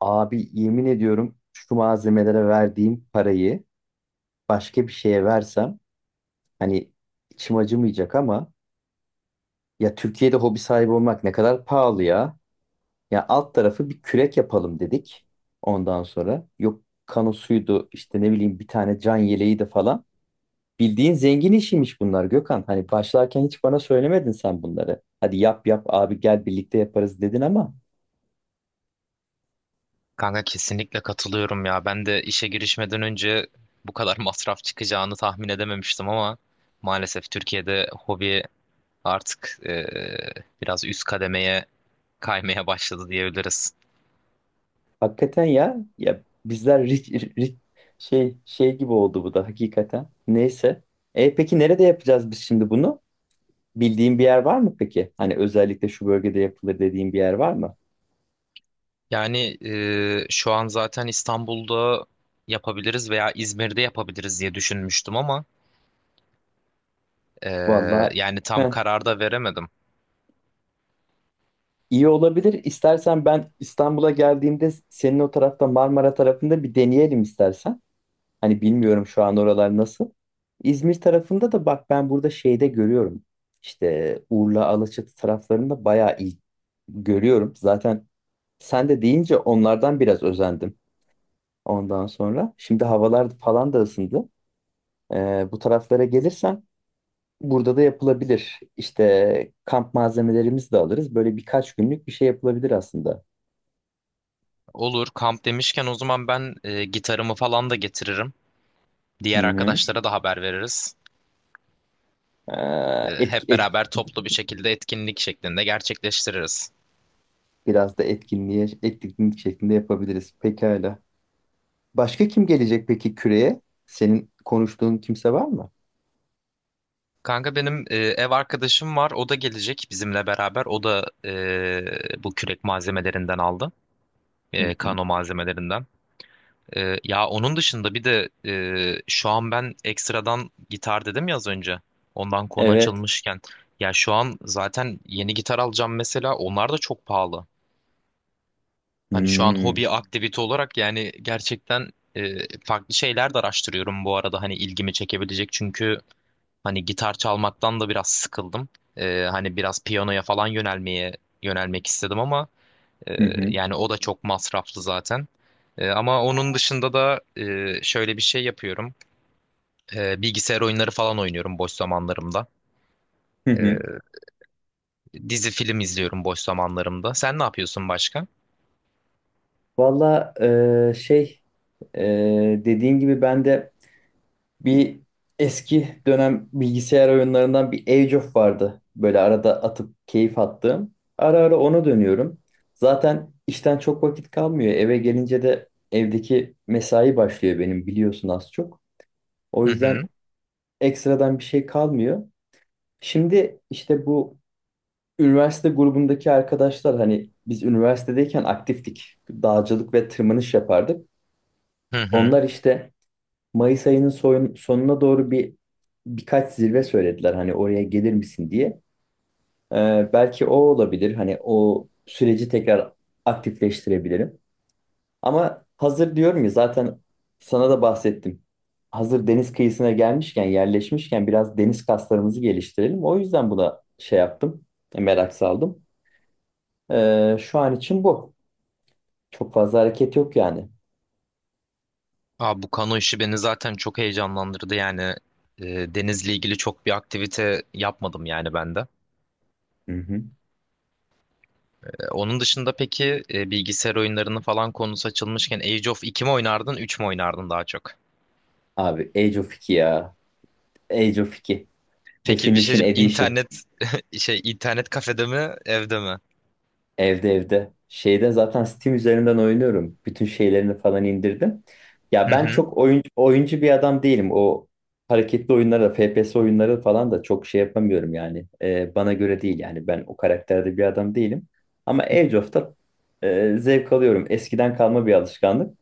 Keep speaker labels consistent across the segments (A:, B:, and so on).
A: Abi yemin ediyorum şu malzemelere verdiğim parayı başka bir şeye versem hani içim acımayacak ama ya Türkiye'de hobi sahibi olmak ne kadar pahalı ya. Ya alt tarafı bir kürek yapalım dedik ondan sonra. Yok kanosuydu işte ne bileyim bir tane can yeleği de falan. Bildiğin zengin işiymiş bunlar Gökhan. Hani başlarken hiç bana söylemedin sen bunları. Hadi yap yap abi gel birlikte yaparız dedin ama
B: Kanka kesinlikle katılıyorum ya. Ben de işe girişmeden önce bu kadar masraf çıkacağını tahmin edememiştim ama maalesef Türkiye'de hobi artık biraz üst kademeye kaymaya başladı diyebiliriz.
A: hakikaten ya. Ya bizler rit- şey gibi oldu bu da hakikaten. Neyse. E peki nerede yapacağız biz şimdi bunu? Bildiğin bir yer var mı peki? Hani özellikle şu bölgede yapılır dediğin bir yer var mı?
B: Yani şu an zaten İstanbul'da yapabiliriz veya İzmir'de yapabiliriz diye düşünmüştüm ama e,
A: Vallahi
B: yani tam
A: heh,
B: karar da veremedim.
A: iyi olabilir. İstersen ben İstanbul'a geldiğimde senin o tarafta Marmara tarafında bir deneyelim istersen. Hani bilmiyorum şu an oralar nasıl. İzmir tarafında da bak ben burada şeyde görüyorum. İşte Urla, Alaçatı taraflarında bayağı iyi görüyorum. Zaten sen de deyince onlardan biraz özendim ondan sonra. Şimdi havalar falan da ısındı. Bu taraflara gelirsen burada da yapılabilir. İşte kamp malzemelerimizi de alırız. Böyle birkaç günlük bir şey yapılabilir aslında.
B: Olur, kamp demişken o zaman ben gitarımı falan da getiririm.
A: Hı
B: Diğer
A: hı.
B: arkadaşlara da haber veririz.
A: Ee, etki,
B: Hep
A: etki,
B: beraber toplu bir şekilde etkinlik şeklinde gerçekleştiririz.
A: Biraz da etkinlik şeklinde yapabiliriz. Pekala. Başka kim gelecek peki küreye? Senin konuştuğun kimse var mı?
B: Kanka benim ev arkadaşım var. O da gelecek bizimle beraber. O da bu kürek malzemelerinden aldı.
A: Hı hı.
B: Kano malzemelerinden. Ya onun dışında bir de şu an ben ekstradan gitar dedim ya az önce. Ondan konu
A: Evet.
B: açılmışken. Ya şu an zaten yeni gitar alacağım mesela. Onlar da çok pahalı. Hani şu an
A: Hmm.
B: hobi aktivite olarak yani gerçekten e, farklı şeyler de araştırıyorum bu arada hani ilgimi çekebilecek çünkü hani gitar çalmaktan da biraz sıkıldım. Hani biraz piyanoya falan yönelmek istedim ama e,
A: Hı hı.
B: yani o da çok masraflı zaten. Ama onun dışında da şöyle bir şey yapıyorum. Bilgisayar oyunları falan oynuyorum boş zamanlarımda.
A: Hı hı.
B: E, Dizi film izliyorum boş zamanlarımda. Sen ne yapıyorsun başka?
A: Valla şey dediğin gibi ben de bir eski dönem bilgisayar oyunlarından bir Age of vardı. Böyle arada atıp keyif attığım. Ara ara ona dönüyorum. Zaten işten çok vakit kalmıyor. Eve gelince de evdeki mesai başlıyor benim biliyorsun az çok. O
B: Hı hı.
A: yüzden ekstradan bir şey kalmıyor. Şimdi işte bu üniversite grubundaki arkadaşlar hani biz üniversitedeyken aktiftik. Dağcılık ve tırmanış yapardık.
B: Hı hı.
A: Onlar işte Mayıs ayının sonuna doğru birkaç zirve söylediler hani oraya gelir misin diye. Belki o olabilir. Hani o süreci tekrar aktifleştirebilirim. Ama hazır diyorum ya zaten sana da bahsettim. Hazır deniz kıyısına gelmişken, yerleşmişken biraz deniz kaslarımızı geliştirelim. O yüzden buna şey yaptım, merak saldım. Şu an için bu. Çok fazla hareket yok yani.
B: Abi bu kano işi beni zaten çok heyecanlandırdı yani denizle ilgili çok bir aktivite yapmadım yani ben de.
A: Hı hı.
B: Onun dışında peki bilgisayar oyunlarını falan konusu açılmışken Age of 2 mi oynardın, 3 mü oynardın daha çok?
A: Abi Age of 2 ya. Age of 2.
B: Peki bir şey
A: Definition
B: diyeceğim.
A: Edition.
B: İnternet şey, internet kafede mi evde mi?
A: Evde evde. Şeyde zaten Steam üzerinden oynuyorum. Bütün şeylerini falan indirdim. Ya
B: Hı
A: ben
B: hı.
A: çok oyuncu bir adam değilim. O hareketli oyunlara, FPS oyunları falan da çok şey yapamıyorum yani. Bana göre değil yani. Ben o karakterde bir adam değilim. Ama Age of'ta zevk alıyorum. Eskiden kalma bir alışkanlık.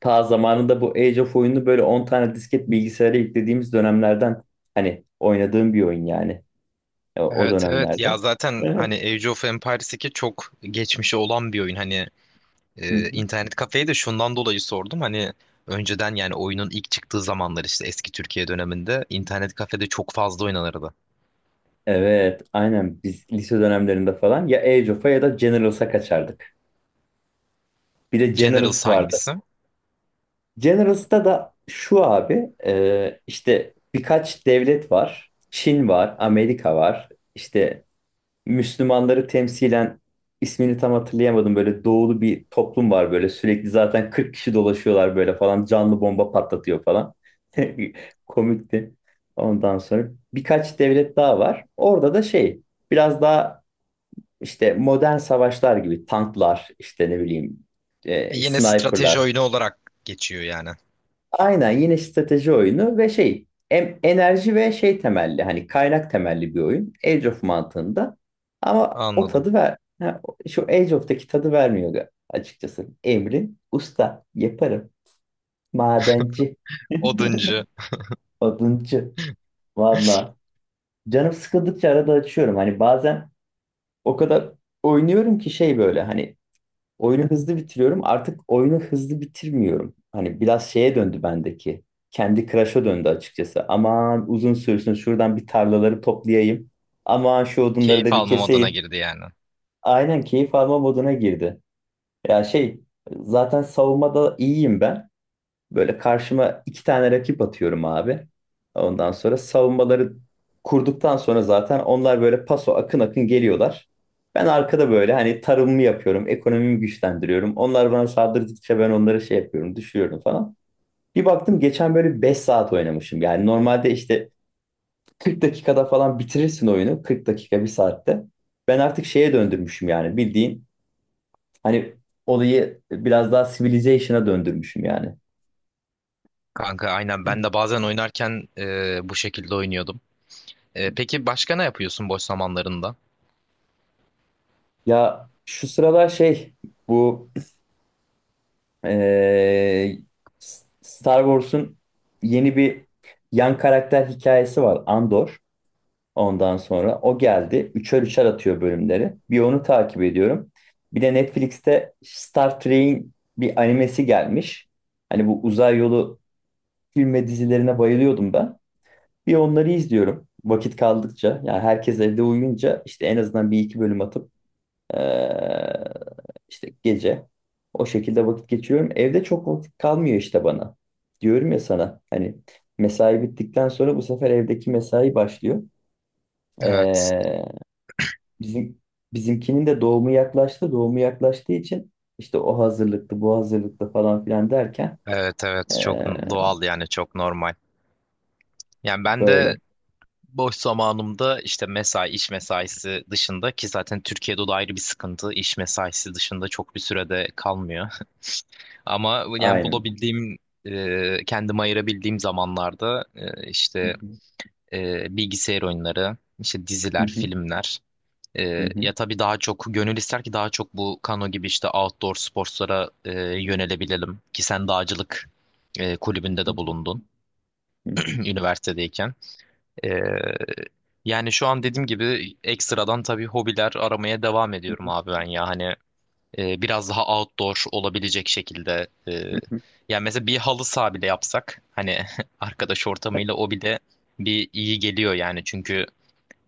A: Ta zamanında bu Age of oyunu böyle 10 tane disket bilgisayara yüklediğimiz dönemlerden hani oynadığım bir oyun yani o
B: Evet, evet
A: dönemlerde.
B: ya, zaten
A: Hı hı.
B: hani Age of Empires 2 çok geçmişi olan bir oyun hani.
A: Hı hı.
B: İnternet kafeyi de şundan dolayı sordum. Hani önceden yani oyunun ilk çıktığı zamanlar işte eski Türkiye döneminde internet kafede çok fazla oynanırdı.
A: Evet, aynen biz lise dönemlerinde falan ya Age of'a ya da Generals'a kaçardık. Bir de
B: Generals
A: Generals vardı.
B: hangisi?
A: Generals'ta da şu abi işte birkaç devlet var. Çin var, Amerika var, işte Müslümanları temsilen ismini tam hatırlayamadım böyle doğulu bir toplum var böyle sürekli zaten 40 kişi dolaşıyorlar böyle falan canlı bomba patlatıyor falan. Komikti. Ondan sonra birkaç devlet daha var. Orada da şey biraz daha işte modern savaşlar gibi tanklar işte ne bileyim
B: Yine strateji
A: sniperlar.
B: oyunu olarak geçiyor yani.
A: Aynen yine strateji oyunu ve şey enerji ve şey temelli hani kaynak temelli bir oyun Age of mantığında ama o
B: Anladım.
A: tadı şu Age of'taki tadı vermiyor açıkçası. Emrin usta yaparım madenci
B: Oduncu.
A: oduncu valla canım sıkıldıkça arada açıyorum hani bazen o kadar oynuyorum ki şey böyle hani oyunu hızlı bitiriyorum. Artık oyunu hızlı bitirmiyorum. Hani biraz şeye döndü bendeki. Kendi Crush'a döndü açıkçası. Aman uzun sürsün şuradan bir tarlaları toplayayım. Aman şu odunları
B: Keyif
A: da bir
B: almam adına
A: keseyim.
B: girdi yani.
A: Aynen keyif alma moduna girdi. Ya şey zaten savunmada iyiyim ben. Böyle karşıma 2 tane rakip atıyorum abi. Ondan sonra savunmaları kurduktan sonra zaten onlar böyle paso akın akın geliyorlar. Ben arkada böyle hani tarımımı yapıyorum, ekonomimi güçlendiriyorum. Onlar bana saldırdıkça ben onları şey yapıyorum, düşürüyorum falan. Bir baktım geçen böyle 5 saat oynamışım. Yani normalde işte 40 dakikada falan bitirirsin oyunu. 40 dakika, bir saatte. Ben artık şeye döndürmüşüm yani bildiğin. Hani olayı biraz daha civilization'a döndürmüşüm yani.
B: Kanka aynen ben de bazen oynarken bu şekilde oynuyordum. Peki başka ne yapıyorsun boş zamanlarında?
A: Ya şu sıralar şey bu eee, Star Wars'un yeni bir yan karakter hikayesi var Andor. Ondan sonra o geldi. Üçer üçer atıyor bölümleri. Bir onu takip ediyorum. Bir de Netflix'te Star Trek'in bir animesi gelmiş. Hani bu uzay yolu film ve dizilerine bayılıyordum ben. Bir onları izliyorum vakit kaldıkça. Yani herkes evde uyuyunca işte en azından bir iki bölüm atıp Ee, işte gece o şekilde vakit geçiriyorum. Evde çok vakit kalmıyor işte bana. Diyorum ya sana hani mesai bittikten sonra bu sefer evdeki mesai başlıyor.
B: Evet.
A: Ee, bizim Bizimkinin de doğumu yaklaştı. Doğumu yaklaştığı için işte o hazırlıklı, bu hazırlıklı falan filan derken
B: Evet, evet, çok
A: ee,
B: doğal yani, çok normal. Yani ben de
A: böyle.
B: boş zamanımda işte mesai, iş mesaisi dışında, ki zaten Türkiye'de o da ayrı bir sıkıntı. İş mesaisi dışında çok bir sürede kalmıyor. Ama yani
A: Aynen.
B: bulabildiğim, kendime ayırabildiğim zamanlarda
A: Hı
B: işte
A: hı,
B: bilgisayar oyunları, işte
A: hı
B: diziler,
A: hı,
B: filmler.
A: hı hı,
B: Ya tabii daha çok gönül ister ki daha çok bu kano gibi işte outdoor sporlara yönelebilelim. Ki sen dağcılık kulübünde
A: hı
B: de bulundun
A: hı, hı hı,
B: üniversitedeyken. Ee, Yani şu an dediğim gibi ekstradan tabii hobiler aramaya devam
A: hı
B: ediyorum
A: hı,
B: abi ben ya. Hani biraz daha outdoor olabilecek şekilde.
A: hı hı.
B: Yani mesela bir halı saha bile yapsak hani arkadaş ortamıyla o bile bir iyi geliyor yani. Çünkü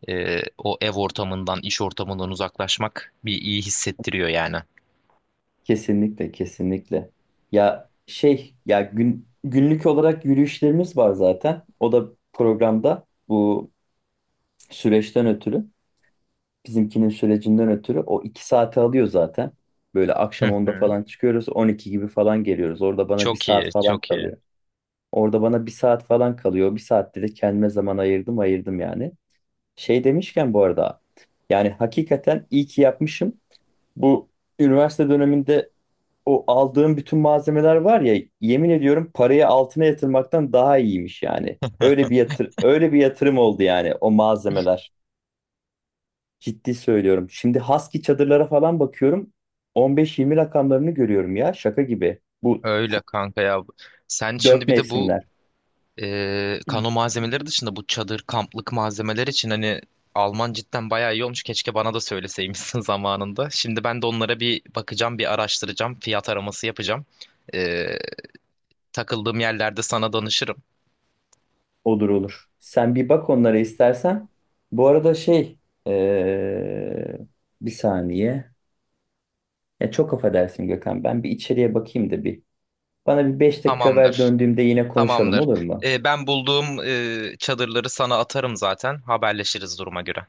B: o ev ortamından, iş ortamından uzaklaşmak bir iyi hissettiriyor yani.
A: Kesinlikle, kesinlikle. Ya şey, ya gün günlük olarak yürüyüşlerimiz var zaten. O da programda bu süreçten ötürü, bizimkinin sürecinden ötürü o 2 saati alıyor zaten. Böyle akşam
B: Hı
A: 10'da
B: hı.
A: falan çıkıyoruz, 12 gibi falan geliyoruz. Orada bana bir
B: Çok iyi,
A: saat falan
B: çok iyi.
A: kalıyor. Orada bana bir saat falan kalıyor. 1 saatte de kendime zaman ayırdım yani. Şey demişken bu arada, yani hakikaten iyi ki yapmışım. Bu üniversite döneminde o aldığım bütün malzemeler var ya yemin ediyorum parayı altına yatırmaktan daha iyiymiş yani. Öyle bir yatır öyle bir yatırım oldu yani o malzemeler. Ciddi söylüyorum. Şimdi Husky çadırlara falan bakıyorum. 15-20 rakamlarını görüyorum ya şaka gibi.
B: Öyle kanka ya. Sen
A: Dört
B: şimdi bir de bu
A: mevsimler.
B: kano malzemeleri dışında bu çadır, kamplık malzemeler için hani alman cidden bayağı iyi olmuş. Keşke bana da söyleseymişsin zamanında. Şimdi ben de onlara bir bakacağım, bir araştıracağım, fiyat araması yapacağım. E, Takıldığım yerlerde sana danışırım.
A: Olur olur. Sen bir bak onlara istersen. Bu arada şey eee, bir saniye. Ya çok affedersin Gökhan. Ben bir içeriye bakayım da bir. Bana bir 5 dakika ver
B: Tamamdır.
A: döndüğümde yine konuşalım
B: Tamamdır.
A: olur mu?
B: Ben bulduğum çadırları sana atarım zaten. Haberleşiriz duruma göre.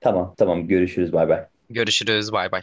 A: Tamam tamam görüşürüz bay bay.
B: Görüşürüz. Bay bay.